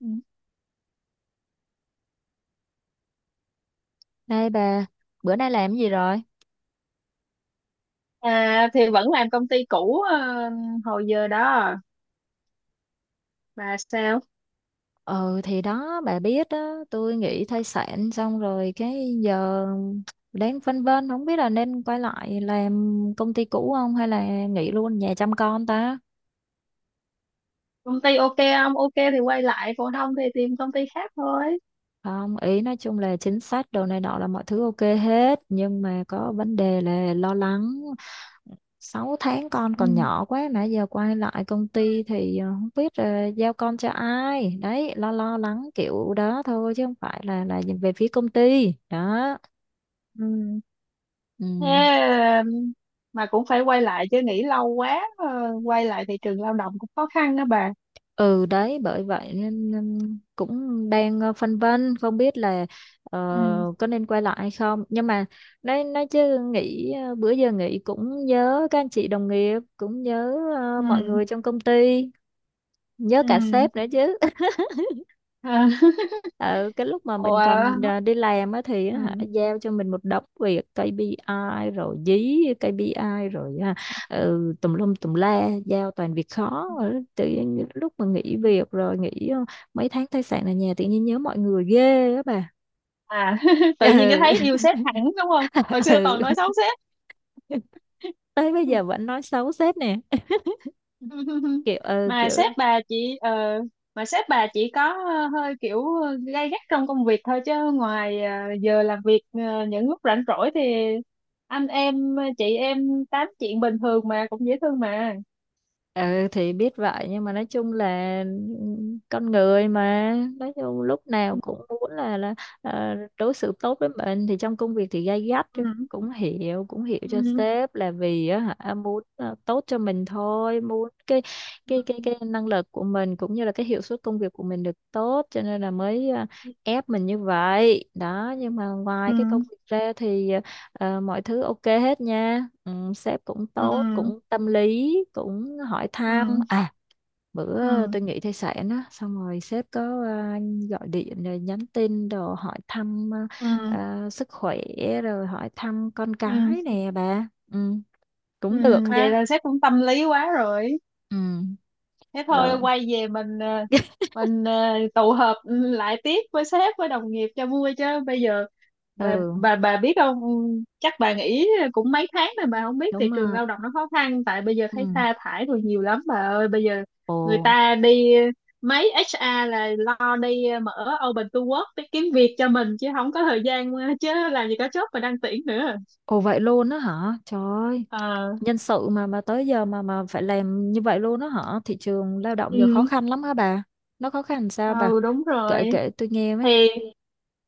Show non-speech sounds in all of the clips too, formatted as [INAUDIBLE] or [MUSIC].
Ừ. Đây bà, bữa nay làm cái gì rồi? Thì vẫn làm công ty cũ, hồi giờ đó, mà sao Ừ thì đó, bà biết đó, tôi nghỉ thai sản xong rồi cái giờ đang phân vân không biết là nên quay lại làm công ty cũ không hay là nghỉ luôn nhà chăm con ta? công ty ok không, ok thì quay lại, còn không thì tìm công ty khác thôi. Không, ý nói chung là chính sách đồ này nọ là mọi thứ ok hết nhưng mà có vấn đề là lo lắng 6 tháng con Ừ. còn nhỏ quá mà giờ quay lại công ty thì không biết giao con cho ai. Đấy, lo lo lắng kiểu đó thôi chứ không phải là nhìn về phía công ty. Đó. Ừ. Ừ. Thế, ờ, mà cũng phải quay lại chứ, nghỉ lâu quá, quay lại thị trường lao động cũng khó khăn đó bà. Ừ đấy, bởi vậy nên nên cũng đang phân vân không biết là ờ, Ừ. có nên quay lại hay không. Nhưng mà nói chứ nghĩ bữa giờ nghĩ cũng nhớ các anh chị đồng nghiệp, cũng nhớ mọi Ừ, người trong công ty, nhớ cả ừ. sếp nữa chứ. À. [LAUGHS] Ừ, cái lúc mà mình còn Ủa, đi làm á thì á hả, ừ. giao cho mình một đống việc KPI rồi dí KPI rồi ừ, tùm lum tùm la giao toàn việc khó. Rồi tự nhiên những lúc mà nghỉ việc rồi nghỉ mấy tháng thai sản ở nhà tự nhiên nhớ mọi người ghê á bà. À, [LAUGHS] tự nhiên cái Ừ. thấy yêu sếp hẳn đúng không, hồi [LAUGHS] xưa toàn Ừ. nói xấu sếp. Tới bây giờ vẫn nói xấu sếp nè, [LAUGHS] kiểu ừ, mà sếp kiểu. bà chị ờ, mà sếp bà chị có, hơi kiểu gay gắt trong công việc thôi, chứ ngoài giờ làm việc, những lúc rảnh rỗi thì anh em, chị em tám chuyện bình thường mà, cũng dễ thương mà. Ừ thì biết vậy nhưng mà nói chung là ừ, con người mà nói chung lúc nào cũng muốn là đối xử tốt với mình thì trong công việc thì gay gắt chứ. Ừ, Cũng hiểu, cho ừ, sếp là vì á hả muốn tốt cho mình thôi, muốn cái ừ, cái cái cái năng lực của mình cũng như là cái hiệu suất công việc của mình được tốt cho nên là mới ép mình như vậy đó nhưng mà ừ, ngoài cái công việc ra thì ờ, Ờ, mọi thứ ok hết nha. Ừ, sếp cũng tốt, cũng tâm lý, cũng hỏi ừ, thăm. ừ, À, ừ, bữa tôi nghỉ thai sản á, xong rồi sếp có gọi điện rồi nhắn tin đồ hỏi thăm ừ, sức khỏe rồi hỏi thăm con ừ. cái nè bà. Ừ, Ừ, cũng được vậy ha. là sếp cũng tâm lý quá rồi. Ừ, Thế thôi rồi. quay về mình, [LAUGHS] mình tụ họp, lại tiếp với sếp với đồng nghiệp cho vui, chứ bây giờ bà Ừ, bà bà biết không? Ừ, chắc bà nghỉ cũng mấy tháng rồi, bà không biết thị đúng trường rồi. lao động nó khó khăn. Tại bây giờ Ừ. thấy sa thải rồi nhiều lắm bà ơi, bây giờ người Ồ, ta đi, mấy HR là lo đi mở open to work để kiếm việc cho mình, chứ không có thời gian, chứ làm gì có job mà đăng tuyển nữa. ồ vậy luôn á hả? Trời ơi. Ờ. Nhân sự mà tới giờ mà phải làm như vậy luôn đó hả? Thị trường lao động giờ khó Ừ. khăn lắm hả bà? Nó khó khăn sao bà? Ừ, đúng Kể rồi. kể tôi nghe với. thì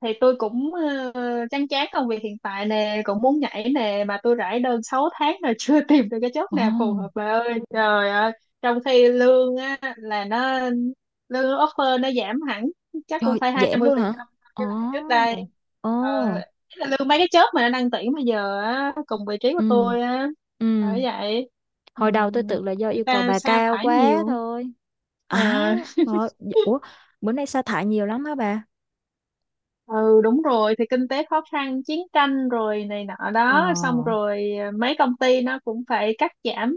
thì tôi cũng, chán chán công việc hiện tại nè, cũng muốn nhảy nè, mà tôi rải đơn 6 tháng rồi. [LAUGHS] Chưa tìm được cái job Ồ, nào phù hợp bà ơi, trời ơi. Trong khi lương á là nó, lương offer nó giảm hẳn chắc cũng trời, phải hai giảm mươi luôn phần hả? trăm Ồ, Cái lại trước đây, ồ, ờ, ý là lương mấy cái job mà nó đang tuyển bây giờ á, cùng vị trí của ừ, tôi á. ừ. Bởi vậy. Hồi đầu tôi ừm, tưởng là do Người yêu cầu ta bà sa cao thải quá nhiều. thôi. À, Ờ. rồi, dạ, ủa, bữa nay sa thải nhiều lắm hả bà? Ừ, đúng rồi. Thì kinh tế khó khăn, chiến tranh rồi này nọ Ồ, đó, xong rồi mấy công ty nó cũng phải cắt giảm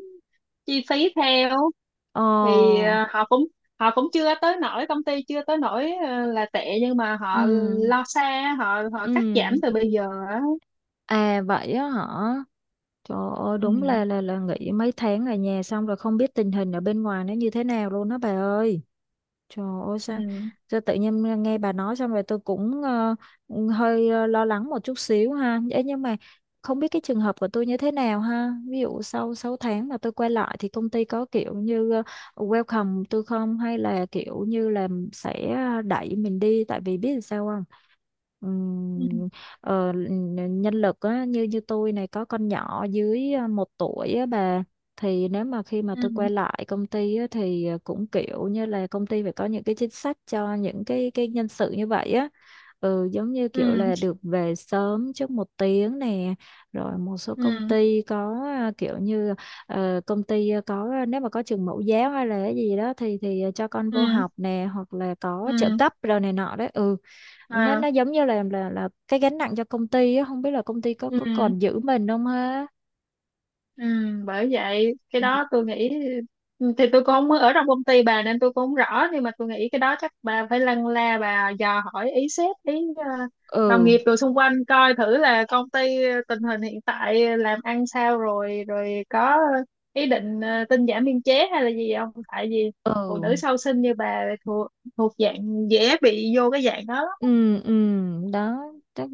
chi phí theo. ồ, Thì họ cũng chưa tới nỗi, công ty chưa tới nỗi, là tệ, nhưng mà ừ, họ lo xa, họ họ ừ. cắt giảm từ bây giờ á. À vậy á hả? Trời ơi, đúng Ừ, là nghỉ mấy tháng ở nhà xong rồi không biết tình hình ở bên ngoài nó như thế nào luôn đó bà ơi. Trời ơi ừ, sao, sao tự nhiên nghe bà nói xong rồi tôi cũng hơi lo lắng một chút xíu ha. Ấy nhưng mà không biết cái trường hợp của tôi như thế nào ha. Ví dụ sau 6 tháng mà tôi quay lại thì công ty có kiểu như welcome tôi không hay là kiểu như là sẽ đẩy mình đi tại vì biết sao không? ừ, Ừm, nhân lực á, như như tôi này có con nhỏ dưới 1 tuổi á bà thì nếu mà khi mà tôi quay ừ, lại công ty á, thì cũng kiểu như là công ty phải có những cái chính sách cho những cái nhân sự như vậy á. Ừ, giống như kiểu ừ, là được về sớm trước 1 tiếng nè rồi một số công ừ, ty có kiểu như có nếu mà có trường mẫu giáo hay là cái gì đó thì thì cho con ừ, vô ừ, học nè hoặc là có trợ ừ. cấp rồi này nọ đấy. Ừ, nó À, nó giống như là cái gánh nặng cho công ty á không biết là công ty có ừ. có còn giữ mình không ha. Ừ, bởi vậy cái đó tôi nghĩ, thì tôi cũng không mới ở trong công ty bà, nên tôi cũng không rõ, nhưng mà tôi nghĩ cái đó chắc bà phải lân la, bà dò hỏi ý sếp, ý đồng Ừ nghiệp rồi xung quanh, coi thử là công ty tình hình hiện tại làm ăn sao rồi, rồi có ý định tinh giản biên chế hay là gì không. Tại vì phụ ừ nữ sau sinh như bà thuộc thuộc dạng dễ bị vô cái dạng đó lắm. Ừ, ừ, đó chắc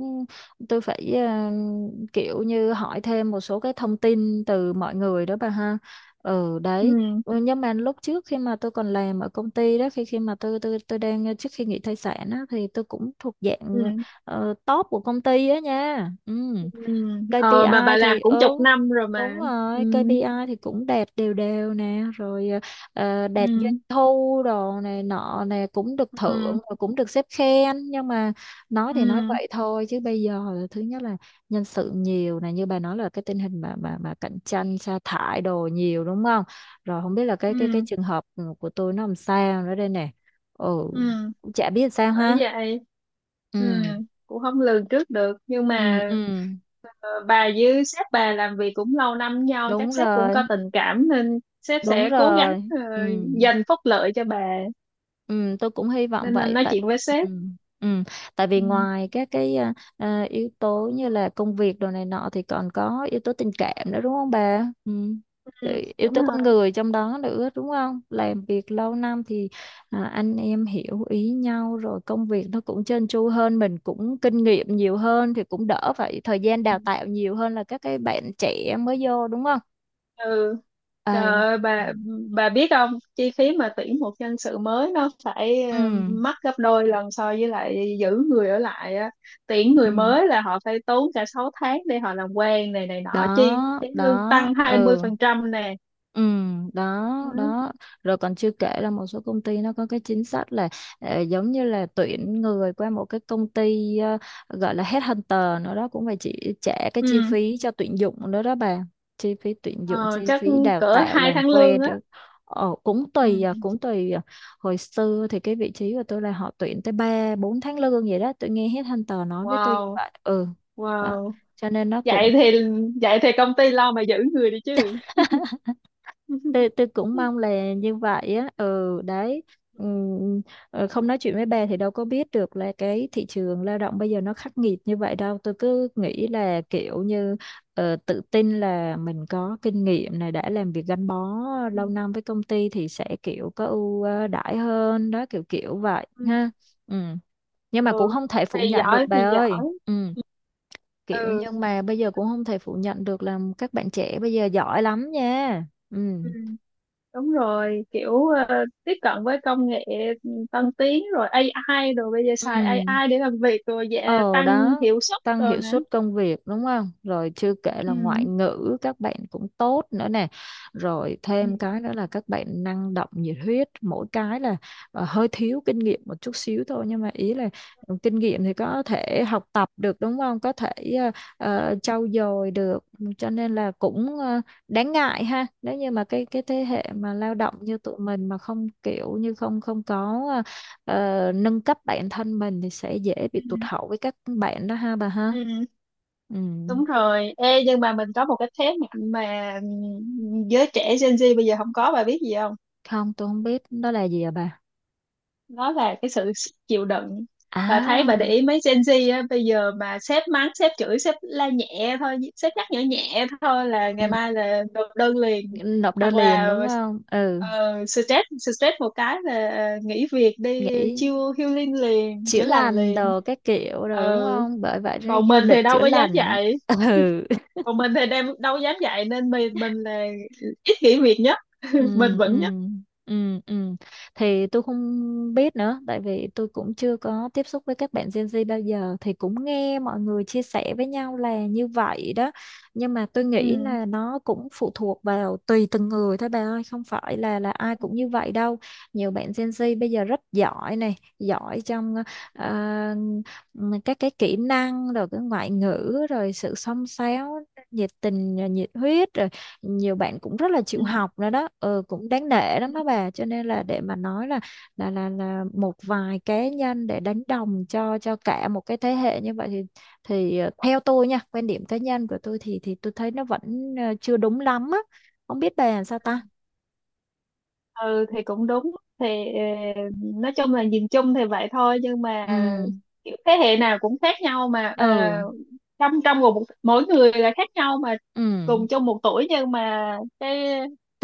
tôi phải kiểu như hỏi thêm một số cái thông tin từ mọi người đó bà ha. Ừ đấy. Ừ, Ừ, nhưng mà lúc trước khi mà tôi còn làm ở công ty đó, khi khi mà tôi đang trước khi nghỉ thai sản á, thì tôi cũng thuộc dạng ừ, top của công ty á nha. Ừ, ừ. Ờ, mà KPI bà làm thì cũng chục ừ, năm rồi mà. đúng Ừ, rồi, KPI thì cũng đạt đều đều nè rồi đạt doanh ừ, thu đồ này nọ nè cũng được thưởng ừ, rồi cũng được sếp khen nhưng mà nói thì nói ừ, vậy thôi chứ bây giờ là thứ nhất là nhân sự nhiều này, như bà nói là cái tình hình mà cạnh tranh sa thải đồ nhiều đúng không? Rồi không biết là cái ừ, trường hợp của tôi nó làm sao nữa đây nè. Ừ ừ. cũng chả biết sao Bởi ha. vậy. Ừ, Ừ cũng không lường trước được, nhưng ừ mà ừ bà với sếp bà làm việc cũng lâu năm với nhau, đúng chắc sếp cũng rồi, có tình cảm nên sếp đúng sẽ cố gắng rồi ừ. dành phúc lợi cho bà. Ừ, tôi cũng hy vọng Nên anh vậy nói tại chuyện với sếp. ừ, ừ, tại vì Ừ, ngoài các cái yếu tố như là công việc đồ này nọ thì còn có yếu tố tình cảm nữa đúng không bà? Ừ. ừ, Rồi yếu đúng tố con rồi. người trong đó nữa đúng không? Làm việc lâu năm thì anh em hiểu ý nhau rồi công việc nó cũng trơn tru hơn, mình cũng kinh nghiệm nhiều hơn thì cũng đỡ phải thời gian đào tạo nhiều hơn là các cái bạn trẻ mới vô đúng không? Ừ. À, Trời ơi, ừ. bà biết không, chi phí mà tuyển một nhân sự mới nó phải, Ừ. Mắc gấp đôi lần so với lại giữ người ở lại á. Tuyển người Ừ. mới là họ phải tốn cả 6 tháng để họ làm quen này này nọ, chi Đó, phí lương đó, tăng ừ 20% nè. Ừ, đó Ừ. đó. Rồi còn chưa kể là một số công ty nó có cái chính sách là giống như là tuyển người qua một cái công ty gọi là headhunter nữa đó cũng phải chỉ trả cái chi Ừ. phí cho tuyển dụng nữa đó bà. Chi phí tuyển dụng, Ờ, chi chắc phí đào cỡ tạo hai làm tháng lương quen á. rồi cũng tùy à, Ừ. cũng tùy à. Hồi xưa thì cái vị trí của tôi là họ tuyển tới 3 4 tháng lương vậy đó, tôi nghe headhunter nói với tôi như Wow, vậy. Ừ đó wow. cho nên nó cũng Vậy thì vậy thì công ty lo mà giữ người đi chứ. [LAUGHS] tôi [LAUGHS] tôi cũng Ừ. mong là như vậy á ừ đấy. Ừm, không nói chuyện với bà thì đâu có biết được là cái thị trường lao động bây giờ nó khắc nghiệt như vậy đâu, tôi cứ nghĩ là kiểu như tự tin là mình có kinh nghiệm này, đã làm việc gắn bó lâu năm với công ty thì sẽ kiểu có ưu đãi hơn đó kiểu kiểu vậy Ừ. ha. Ừ. Nhưng mà cũng Ừ. không thể phủ Thì nhận giỏi được thì bà ơi. giỏi. Ừ. Kiểu Ừ. nhưng mà bây giờ cũng không thể phủ nhận được là các bạn trẻ bây giờ giỏi lắm nha. Ừ Ừ, đúng rồi, kiểu tiếp cận với công nghệ tân tiến rồi AI, rồi bây giờ xài Ừ, AI để làm việc rồi, dạ, Ờ tăng đó, hiệu suất tăng rồi hiệu nữa. suất công việc đúng không? Rồi chưa kể là Ừ. ngoại ngữ các bạn cũng tốt nữa nè. Rồi Ừ. thêm cái nữa là các bạn năng động, nhiệt huyết, mỗi cái là hơi thiếu kinh nghiệm một chút xíu thôi nhưng mà ý là ừ, kinh nghiệm thì có thể học tập được đúng không? Có thể ờ, trau dồi được cho nên là cũng đáng ngại ha. Nếu như mà cái thế Ừ. hệ mà lao động như tụi mình mà không kiểu như không không có nâng cấp bản thân mình thì sẽ dễ bị Ừ. tụt hậu với các bạn đó ha bà ha. Ừ, Ừ. đúng rồi. Ê, nhưng mà mình có một cái thế mạnh mà, giới trẻ Gen Z bây giờ không có, bà biết gì không? Không, tôi không biết đó là gì à bà. Nó là cái sự chịu đựng. Và thấy bà để À ý mấy Gen Z á, bây giờ mà sếp mắng sếp chửi sếp la nhẹ thôi, sếp nhắc nhở nhẹ thôi là ngày ừ. mai là nộp đơn liền. Nộp đơn Hoặc liền là đúng không? Ừ. Stress stress một cái là nghỉ việc đi Nghĩ chill healing liền, chữa chữa lành lành liền. đồ các kiểu rồi đúng Ừ. không, bởi vậy nó còn du mình thì lịch đâu chữa có dám lành đó. dạy [LAUGHS] Ừ Còn mình thì đem đâu dám dạy, nên mình là ít nghỉ việc nhất. ừ [LAUGHS] Mình ừ vẫn nhất. ừ ừ. Thì tôi không biết nữa, tại vì tôi cũng chưa có tiếp xúc với các bạn Gen Z bao giờ thì cũng nghe mọi người chia sẻ với nhau là như vậy đó. Nhưng mà tôi nghĩ Ừ. là nó cũng phụ thuộc vào tùy từng người thôi bà ơi, không phải là ai cũng như vậy đâu. Nhiều bạn Gen Z bây giờ rất giỏi này, giỏi trong ờ, các cái kỹ năng rồi cái ngoại ngữ rồi sự xông xáo, nhiệt tình, nhiệt huyết rồi nhiều bạn cũng rất là chịu Ừ. học nữa đó ừ, cũng đáng nể lắm đó bà. Cho nên là để mà nói là một vài cá nhân để đánh đồng cho cả một cái thế hệ như vậy thì thì theo tôi nha, quan điểm cá nhân của tôi thì tôi thấy nó vẫn chưa đúng lắm á. Không biết bà làm sao ta. Ừ, thì cũng đúng. Thì ờ, nói chung là, nhìn chung thì vậy thôi, nhưng Ừ mà kiểu thế hệ nào cũng khác nhau mà, ừ trong trong một mỗi người là khác nhau mà, ừ. cùng chung một tuổi nhưng mà cái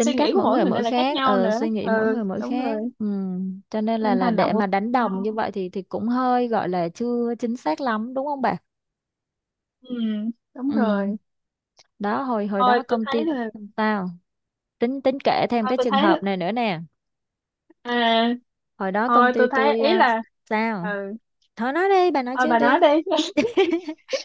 suy cách nghĩ của mỗi mỗi người người mỗi nên là khác khác, nhau nữa. suy nghĩ mỗi Ừ, người mỗi đúng rồi. khác. Ừ. Cho nên là Nên là hành động để cũng mà khác đánh đồng như nhau. vậy thì cũng hơi gọi là chưa chính xác lắm đúng không bà? Ừ, đúng Ừ. rồi. Đó hồi hồi thôi đó tôi công thấy ty là tao tính tính kể thêm thôi cái tôi trường thấy hợp này nữa nè. à Hồi đó công Thôi ty tôi thấy tôi ý là. sao Ừ, thôi nói đi, bà nói thôi trước bà đi. nói đi. [LAUGHS] [LAUGHS]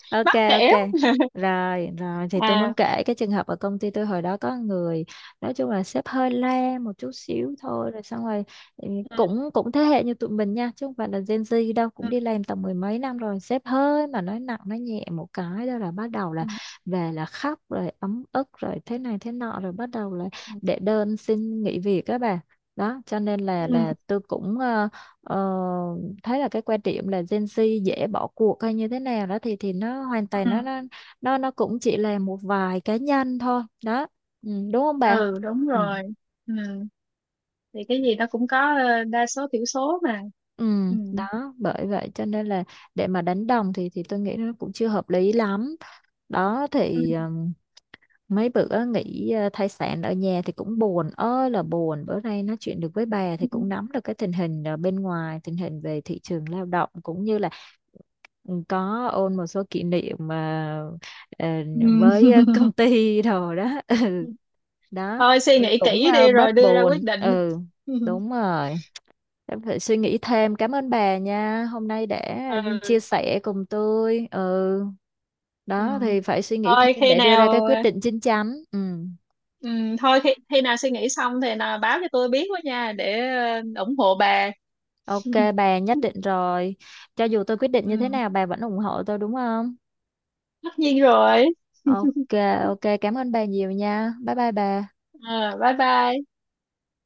Ok Mắc kể. ok rồi rồi. Thì tôi muốn À, kể cái trường hợp ở công ty tôi hồi đó có người, nói chung là sếp hơi le một chút xíu thôi rồi xong rồi ừ, ừ, cũng cũng thế hệ như tụi mình nha chứ không phải là Gen Z đâu, ừ, cũng đi làm tầm mười mấy năm rồi, sếp hơi mà nói nặng nói nhẹ một cái đó là bắt đầu là ừ, về là khóc rồi ấm ức rồi thế này thế nọ rồi bắt đầu là ừ, đệ đơn xin nghỉ việc các bà. Đó cho nên là ừ. là tôi cũng ờ, thấy là cái quan điểm là Gen Z dễ bỏ cuộc hay như thế nào đó thì nó hoàn toàn Ừ. nó cũng chỉ là một vài cá nhân thôi đó. Ừ, đúng không bà? Ừ, đúng Ừ. rồi. Ừ. Thì cái gì nó cũng có, đa số thiểu số mà. Ừ, Ừ. đó bởi vậy cho nên là để mà đánh đồng thì tôi nghĩ nó cũng chưa hợp lý lắm đó Ừ. thì mấy bữa nghỉ thai sản ở nhà thì cũng buồn ơi là buồn, bữa nay nói chuyện được với bà thì cũng nắm được cái tình hình bên ngoài, tình hình về thị trường lao động cũng như là có ôn một số kỷ niệm mà ờ, Ừ. với công [LAUGHS] ty đồ đó. [LAUGHS] Đó Thôi suy ừ, nghĩ cũng kỹ đi rồi bớt đưa ra quyết buồn định. ừ [LAUGHS] đúng rồi. Em phải suy nghĩ thêm, cảm ơn bà nha, hôm nay đã chia Ừ. sẻ cùng tôi ừ đó Ừ. thì phải suy nghĩ thôi thêm khi để đưa ra cái nào quyết định chín chắn ừ Ừ. Khi nào suy nghĩ xong thì là báo cho tôi biết quá nha, để ủng hộ bà. ok. [LAUGHS] Bà nhất định rồi, cho dù tôi quyết định như thế Ừ, nào bà vẫn ủng hộ tôi đúng không? tất nhiên rồi. Ok ok, cảm ơn bà nhiều nha, bye bye bà. Ờ, bye bye.